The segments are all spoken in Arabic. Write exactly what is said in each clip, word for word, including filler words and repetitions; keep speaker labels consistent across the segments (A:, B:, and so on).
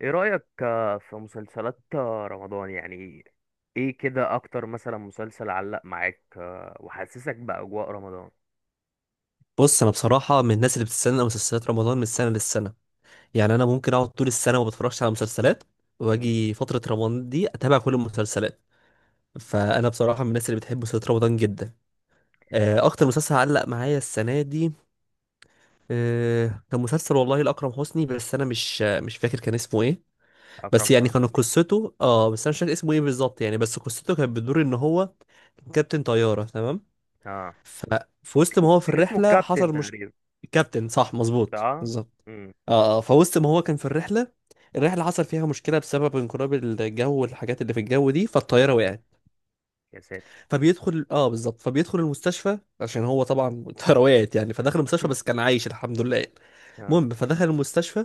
A: ايه رأيك آه، في مسلسلات آه، رمضان يعني؟ ايه كده اكتر مثلا مسلسل علق معاك آه، وحسسك بأجواء رمضان؟
B: بص انا بصراحه من الناس اللي بتستنى مسلسلات رمضان من سنه للسنه. يعني انا ممكن اقعد طول السنه ما بتفرجش على مسلسلات،
A: مم.
B: واجي فتره رمضان دي اتابع كل المسلسلات. فانا بصراحه من الناس اللي بتحب مسلسلات رمضان جدا. آه، اكتر مسلسل علق معايا السنه دي آه، كان مسلسل والله لاكرم حسني، بس انا مش آه، مش فاكر كان اسمه ايه. بس
A: اكرم
B: يعني كان
A: حسني.
B: قصته، اه بس انا مش فاكر اسمه ايه بالظبط يعني، بس قصته كانت بتدور ان هو كابتن طياره، تمام.
A: اه،
B: ففي وسط ما هو في
A: كان اسمه
B: الرحله
A: الكابتن
B: حصل مش
A: تقريبا.
B: كابتن، صح، مظبوط
A: اه.
B: بالظبط.
A: امم.
B: اه آه، فوسط ما هو كان في الرحله، الرحله حصل فيها مشكله بسبب انقلاب الجو والحاجات اللي في الجو دي، فالطياره
A: اه.
B: وقعت.
A: يا ساتر.
B: فبيدخل اه بالظبط، فبيدخل المستشفى عشان هو طبعا الطياره وقعت يعني، فدخل المستشفى بس كان عايش الحمد لله يعني.
A: اه.
B: المهم فدخل المستشفى،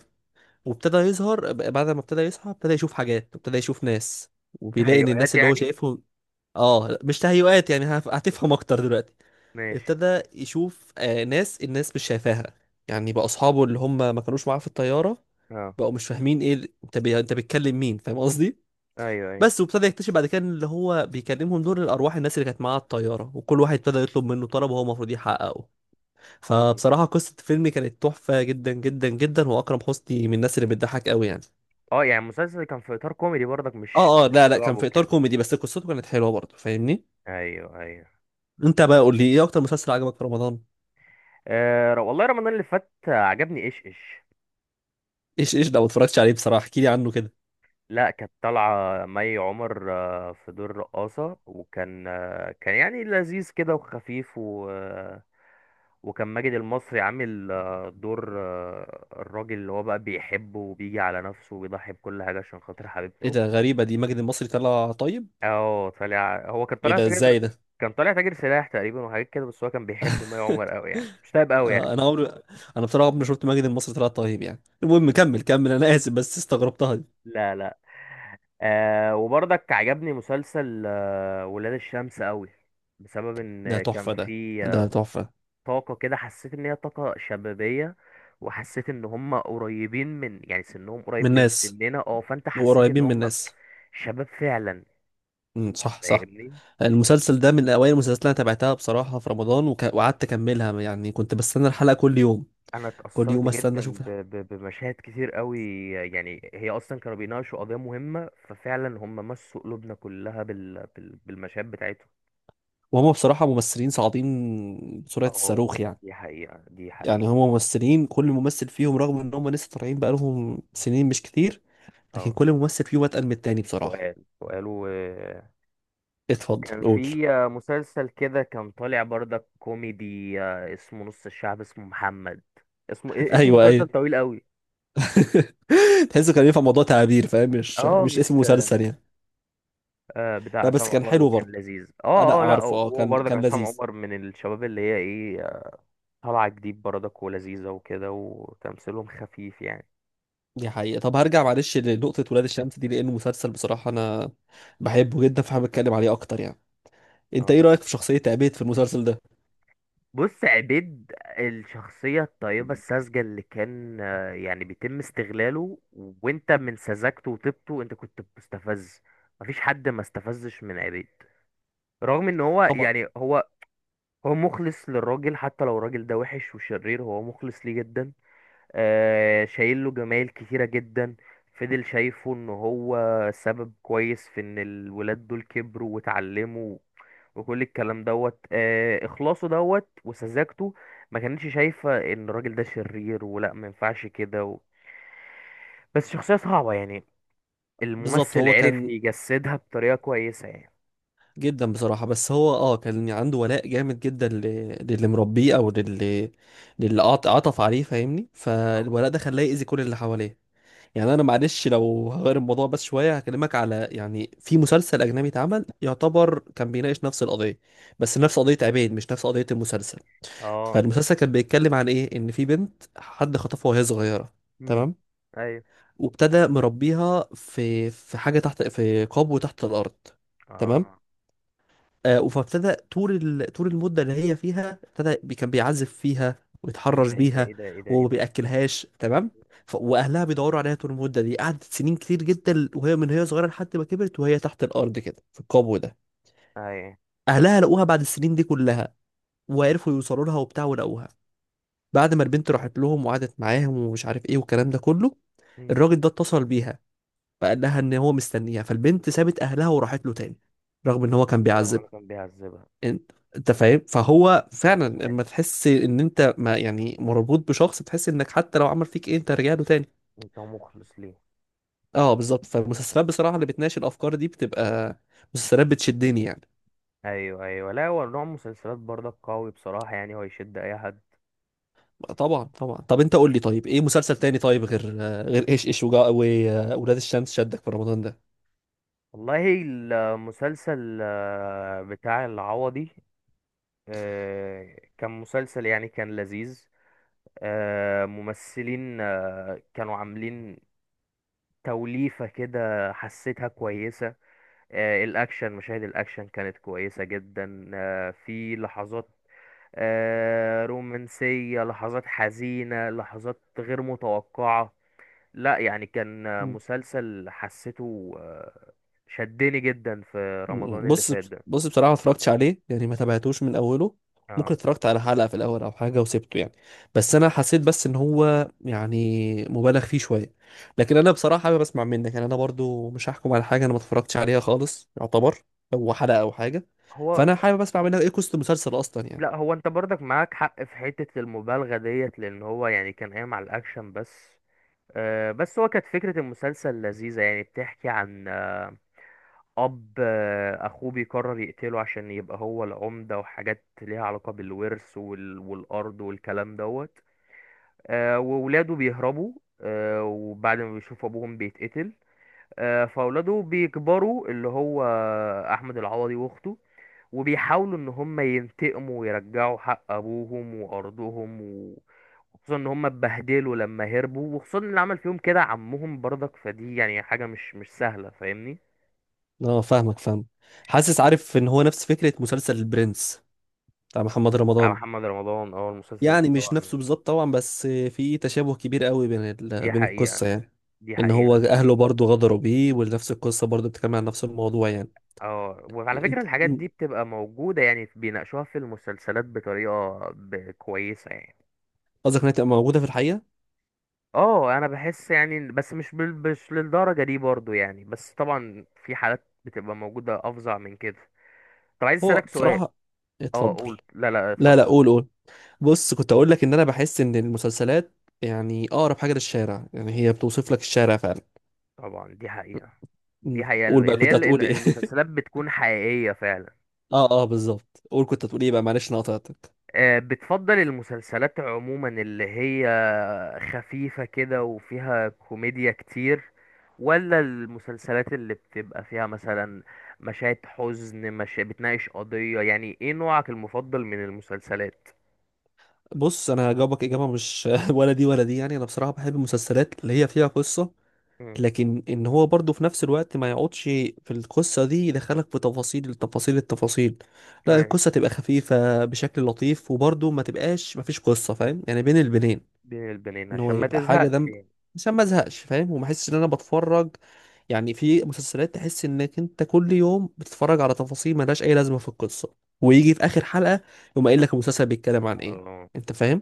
B: وابتدى يظهر ب- بعد ما ابتدى يصحى ابتدى يشوف حاجات، ابتدى يشوف ناس، وبيلاقي ان
A: تهيؤات
B: الناس اللي هو
A: يعني؟
B: شايفهم اه مش تهيؤات يعني، هف- هتفهم اكتر دلوقتي.
A: ماشي.
B: ابتدى يشوف آه ناس الناس مش شايفاها، يعني بقى اصحابه اللي هم ما كانوش معاه في الطياره،
A: اه.
B: بقوا مش فاهمين ايه ال- انت بي... انت بتكلم مين، فاهم قصدي.
A: ايوه، ايوه.
B: بس وابتدى يكتشف بعد كده إن اللي هو بيكلمهم دول الارواح، الناس اللي كانت معاه على الطياره، وكل واحد ابتدى يطلب منه طلب وهو المفروض يحققه.
A: مم.
B: فبصراحه قصه الفيلم كانت تحفه جدا جدا جدا، واكرم حسني من الناس اللي بتضحك قوي يعني.
A: اه، يعني المسلسل كان في اطار كوميدي برضك، مش
B: اه اه، لا
A: مش
B: لا،
A: رعب
B: كان في اطار
A: وكده؟
B: كوميدي بس قصته كانت حلوه برضه، فاهمني.
A: ايوه، ايوه.
B: انت بقى قول لي ايه اكتر مسلسل عجبك في رمضان؟
A: آه والله، رمضان اللي فات آه، عجبني ايش ايش.
B: ايش ايش ده؟ ما اتفرجتش عليه بصراحه، احكي لي عنه كده.
A: لا، كانت طالعة مي عمر آه، في دور رقاصة، وكان آه، كان يعني لذيذ كده وخفيف و... آه، وكان ماجد المصري عامل آه، دور آه، الراجل اللي هو بقى بيحبه، وبيجي على نفسه، وبيضحي بكل حاجة عشان خاطر
B: ايه
A: حبيبته.
B: ده، غريبه دي، ماجد المصري طلع طيب؟
A: اه، طالع. هو كان
B: ايه
A: طالع
B: ده،
A: تاجر.
B: ازاي ده؟
A: كان طالع تاجر سلاح تقريبا وحاجات كده، بس هو كان بيحب مي عمر قوي، يعني مش طيب قوي يعني.
B: آه، انا عمري انا بصراحه عمري ما شفت ماجد المصري طلع طيب يعني. المهم كمل كمل، انا اسف بس استغربتها دي.
A: لا، لا. آه وبرضك عجبني مسلسل آه ولاد الشمس قوي. بسبب
B: ده
A: ان كان
B: تحفه ده،
A: في آه،
B: ده تحفه.
A: طاقة كده، حسيت ان هي طاقة شبابية. وحسيت ان هم قريبين من، يعني سنهم
B: من
A: قريب من
B: الناس،
A: سننا. اه، فانت حسيت ان
B: وقريبين من
A: هم
B: الناس.
A: شباب فعلا.
B: امم، صح صح.
A: فاهمني؟
B: المسلسل ده من اوائل المسلسلات اللي انا تابعتها بصراحه في رمضان، وك... وقعدت اكملها يعني، كنت بستنى الحلقه كل يوم.
A: انا
B: كل
A: اتأثرت
B: يوم استنى
A: جدا
B: اشوف
A: ب-
B: الحلقة.
A: ب- بمشاهد كتير قوي. يعني هي اصلا كانوا بيناقشوا قضية مهمة، ففعلا هم مسوا قلوبنا كلها بال... بال... بالمشاهد بتاعتهم.
B: وهم بصراحه ممثلين صاعدين بسرعه
A: اه.
B: الصاروخ يعني.
A: دي حقيقة، دي حقيقة.
B: يعني هم ممثلين، كل ممثل فيهم رغم ان هم لسه طالعين بقالهم سنين مش كتير، لكن
A: اه.
B: كل ممثل فيهم اتقل من التاني بصراحه.
A: سؤال، سؤال و...
B: اتفضل
A: وكان
B: قول.
A: في مسلسل كده، كان طالع برضك كوميدي آه، اسمه نص الشعب اسمه محمد. اسمه إيه- اسم
B: ايوه
A: مسلسل
B: ايوه.
A: طويل قوي.
B: تحسه كان ينفع موضوع تعابير، فاهم، مش
A: اه،
B: مش
A: مش.
B: اسم مسلسل يعني.
A: آه بتاع
B: لا بس
A: عصام
B: كان
A: عمر
B: حلو
A: وكان
B: برضه.
A: لذيذ. اه،
B: لا
A: اه، لا،
B: اعرفه، اه
A: هو
B: كان
A: برضك
B: كان
A: عصام
B: لذيذ.
A: عمر من الشباب، اللي هي ايه؟ طالعة جديد برضك ولذيذة وكده، وتمثيلهم خفيف يعني.
B: دي حقيقة. طب هرجع معلش لنقطة ولاد الشمس دي، لأنه مسلسل بصراحة أنا بحبه جدا، فحابب أتكلم عليه أكتر يعني. أنت
A: اه،
B: إيه
A: طبعا.
B: رأيك في شخصية عبيد في المسلسل ده؟
A: بص، عبيد. الشخصية الطيبة الساذجة اللي كان آه، يعني بيتم استغلاله، وانت من سذاجته وطيبته، انت كنت مستفز. مفيش حد ما استفزش من عبيد. رغم ان هو
B: طبعا.
A: يعني، هو. هو مخلص للراجل، حتى لو الراجل ده وحش وشرير، هو مخلص ليه جدا. آه، شايل له جمايل كتيرة جدا. فضل شايفه ان هو سبب كويس في ان الولاد دول كبروا واتعلموا. وكل الكلام دوت آه، اخلاصه دوت وسذاجته. ما كانتش شايفة ان الراجل ده شرير ولا ما ينفعش كده و... بس شخصية صعبة يعني.
B: بالظبط
A: الممثل
B: هو
A: عرف
B: كان
A: يجسدها بطريقة كويسة يعني.
B: جدا بصراحة، بس هو أه كان عنده ولاء جامد جدا، ل... للي مربيه أو للي للي عط- عطف عليه، فاهمني.
A: طبعا.
B: فالولاء ده خلاه يأذي كل اللي حواليه. يعني انا معلش لو هغير الموضوع بس شويه، هكلمك على يعني في مسلسل اجنبي اتعمل يعتبر كان بيناقش نفس القضيه، بس
A: مم.
B: نفس قضيه عبيد مش نفس قضيه المسلسل.
A: اه.
B: فالمسلسل كان بيتكلم عن ايه؟ ان في بنت حد خطفها وهي صغيره،
A: امم.
B: تمام،
A: ايوه.
B: وابتدى مربيها في في حاجه تحت، في قبو تحت الارض، تمام.
A: اه.
B: آه، فابتدى طول ال... طول المده اللي هي فيها، ابتدى بي- كان بيعزف فيها
A: ايه
B: ويتحرش
A: ده، ايه ده،
B: بيها
A: ايه ده، ايه ده، ايه
B: وما
A: ده!
B: بياكلهاش، تمام. ف... واهلها بيدوروا عليها طول المده دي، قعدت سنين كتير جدا وهي، من هي صغيره لحد ما كبرت، وهي تحت الارض كده في القبو ده.
A: ايوه.
B: اهلها لقوها بعد السنين دي كلها، وعرفوا يوصلوا لها وبتاع ولقوها. بعد ما البنت راحت لهم وقعدت معاهم ومش عارف ايه والكلام ده كله،
A: امم.
B: الراجل ده اتصل بيها، فقال لها ان هو مستنيها، فالبنت سابت اهلها وراحت له تاني، رغم ان هو كان
A: رغم انا
B: بيعذبها.
A: كان بيعذبها.
B: انت انت فاهم؟ فهو فعلا،
A: مأساة.
B: لما تحس ان انت، ما يعني مربوط بشخص، تحس انك حتى لو عمل فيك ايه انت رجع له تاني.
A: انت مخلص ليه.
B: اه بالظبط. فالمسلسلات بصراحه اللي بتناقش الافكار دي بتبقى مسلسلات بتشدني يعني.
A: ايوه، ايوه، لا هو نوع مسلسلات برضك قوي بصراحه، يعني هو يشد اي حد.
B: طبعا طبعا. طب انت قول لي، طيب ايه مسلسل تاني طيب، غير، غير ايش ايش وجا- و- واولاد الشمس، شدك في رمضان؟
A: والله، المسلسل آه، بتاع العوضي. آه، كان مسلسل يعني كان لذيذ. آه، ممثلين آه، كانوا عاملين توليفة كده، حسيتها كويسة. آه، الأكشن، مشاهد الأكشن كانت كويسة جدا. آه، في لحظات آه، رومانسية، لحظات حزينة، لحظات غير متوقعة. لا يعني كان
B: ده.
A: مسلسل حسيته آه، شدني جدا في رمضان اللي
B: بص،
A: فات ده.
B: بص بصراحة ما اتفرجتش عليه يعني، ما تابعتوش من أوله،
A: اه.
B: ممكن اتفرجت على حلقة في الأول أو حاجة وسبته يعني. بس أنا حسيت بس إن هو يعني مبالغ فيه شوية. لكن أنا بصراحة حابب أسمع منك يعني. أنا برضو مش هحكم على حاجة أنا ما اتفرجتش عليها خالص، يعتبر هو حلقة أو حاجة.
A: هو.
B: فأنا حابب أسمع منك إيه قصة المسلسل أصلا يعني.
A: لا هو انت برضك معاك حق في حتة المبالغة ديت، لان هو يعني كان قايم على الاكشن بس. آه، بس هو كانت فكرة المسلسل لذيذة، يعني بتحكي عن آه، اب آه، اخوه بيقرر يقتله عشان يبقى هو العمدة، وحاجات ليها علاقة بالورث وال- والارض والكلام دوت. آه، وولاده بيهربوا. آه، وبعد ما بيشوفوا ابوهم بيتقتل. آه، فاولاده بيكبروا، اللي هو احمد العوضي واخته. وبيحاولوا ان هم ينتقموا ويرجعوا حق ابوهم وارضهم و- وخصوصا ان هم اتبهدلوا لما هربوا، وخصوصا اللي عمل فيهم كده عمهم برضك، فدي يعني حاجه مش مش سهله، فاهمني؟
B: أه فاهمك، فاهم. حاسس عارف إن هو نفس فكرة مسلسل البرنس بتاع محمد
A: بتاع
B: رمضان.
A: محمد رمضان. اه، المسلسل ده
B: يعني مش
A: طبعا.
B: نفسه بالظبط طبعا، بس في تشابه كبير قوي بين ال...
A: دي
B: بين
A: حقيقه،
B: القصة يعني.
A: دي
B: ان
A: حقيقه.
B: هو اهله برضو غدروا بيه، ونفس القصة برضو بتتكلم عن نفس الموضوع يعني.
A: اه، وعلى فكره
B: انت-
A: الحاجات دي بتبقى موجوده، يعني بيناقشوها في المسلسلات بطريقه ب- كويسه يعني.
B: قصدك انها تبقى موجودة في الحقيقة؟
A: اه، انا بحس يعني، بس مش بال- مش للدرجه دي برضو يعني، بس طبعا في حالات بتبقى موجوده افظع من كده. طب عايز
B: هو
A: اسالك سؤال.
B: بصراحة،
A: اه،
B: اتفضل.
A: قول. لا، لا،
B: لا لا،
A: اتفضل.
B: قول قول. بص كنت اقول لك ان انا بحس ان المسلسلات يعني اقرب حاجة للشارع، يعني هي بتوصف لك الشارع فعلا.
A: طبعا، دي حقيقه.
B: م.
A: دي حقيقه
B: قول بقى،
A: اللي هي
B: كنت
A: ال- ال-
B: هتقول ايه؟
A: المسلسلات بتكون حقيقيه فعلا.
B: اه اه، بالظبط. قول كنت هتقول ايه بقى، معلش انا قطعتك.
A: آه، بتفضل المسلسلات عموما اللي هي خفيفة كده وفيها كوميديا كتير، ولا المسلسلات اللي بتبقى فيها مثلا مشاهد حزن مش بتناقش قضية؟ يعني ايه نوعك المفضل من المسلسلات؟
B: بص انا هجاوبك اجابه مش ولا دي ولا دي. يعني انا بصراحه بحب المسلسلات اللي هي فيها قصه،
A: مم.
B: لكن ان هو برضه في نفس الوقت ما يقعدش في القصه دي يدخلك في تفاصيل التفاصيل التفاصيل. لا،
A: أيوة.
B: القصه تبقى خفيفه بشكل لطيف، وبرضه ما تبقاش ما فيش قصه، فاهم يعني، بين البنين.
A: بين البنين
B: ان هو
A: عشان ما
B: يبقى حاجه
A: تزهقش
B: دم،
A: يعني.
B: عشان ما ازهقش، فاهم، وما احسش ان انا بتفرج. يعني في مسلسلات تحس انك انت كل يوم بتتفرج على تفاصيل ملهاش اي لازمه في القصه، ويجي في اخر حلقه يقوم قايل لك المسلسل بيتكلم عن ايه، انت فاهم.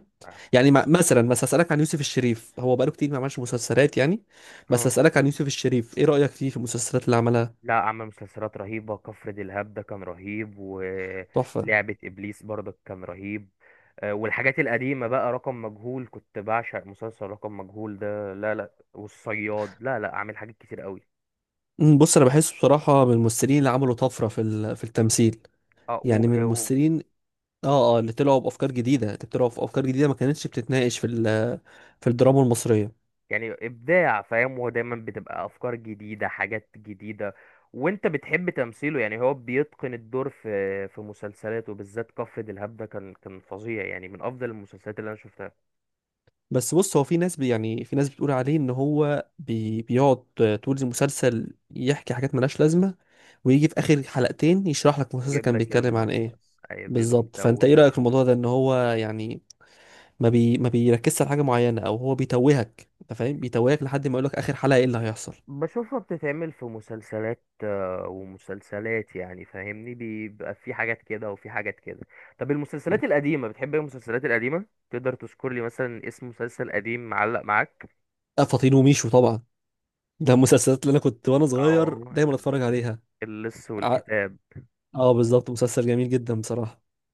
B: يعني ما- مثلا بس اسالك عن يوسف الشريف، هو بقاله كتير ما عملش مسلسلات يعني. بس
A: اه،
B: اسالك عن يوسف الشريف ايه رايك فيه في المسلسلات اللي عملها.
A: لا، عمل مسلسلات رهيبة. كفر دلهاب ده كان رهيب،
B: تحفه.
A: ولعبة إبليس برضك كان رهيب. آه، والحاجات القديمة بقى رقم مجهول، كنت بعشق مسلسل رقم مجهول ده. لا، لا، والصياد. لا، لا، عامل حاجات كتير قوي.
B: أمم، بص انا بحسه بصراحه من الممثلين اللي عملوا طفره في ال- في التمثيل،
A: اه و...
B: يعني من
A: و...
B: الممثلين. اه. اه، اللي طلعوا بافكار جديده، اللي طلعوا في افكار جديده ما كانتش بتتناقش في ال- في الدراما المصريه.
A: يعني إبداع، فاهم، هو دايما بتبقى أفكار جديدة، حاجات جديدة. وانت بتحب تمثيله، يعني هو بيتقن الدور في في مسلسلاته، بالذات كفر دلهاب ده كان كان فظيع، يعني من أفضل المسلسلات اللي أنا شفتها.
B: بس بص هو في ناس بي يعني في ناس بتقول عليه ان هو بي بيقعد طول المسلسل يحكي حاجات ملهاش لازمه، ويجي في اخر حلقتين يشرح لك المسلسل
A: يجيب
B: كان
A: لك
B: بيتكلم عن ايه.
A: الملخص، أي بيبقى
B: بالظبط. فانت ايه
A: متوه.
B: رايك في الموضوع ده، ان هو يعني ما بي ما بيركزش على حاجه معينه، او هو بيتوهك، انت فاهم، بيتوهك لحد ما يقول لك اخر حلقه ايه اللي هيحصل.
A: بشوفها بتتعمل في مسلسلات آه، ومسلسلات يعني، فاهمني، بيبقى في حاجات كده وفي حاجات كده. طب
B: م.
A: المسلسلات القديمة بتحب إيه؟ المسلسلات القديمة، تقدر تذكر لي مثلا اسم مسلسل قديم معلق معاك؟
B: آه، فاطين وميشو طبعا، ده المسلسلات اللي انا كنت وانا صغير
A: اه،
B: دايما اتفرج عليها.
A: اللص والكتاب.
B: اه بالظبط، مسلسل جميل جدا بصراحة.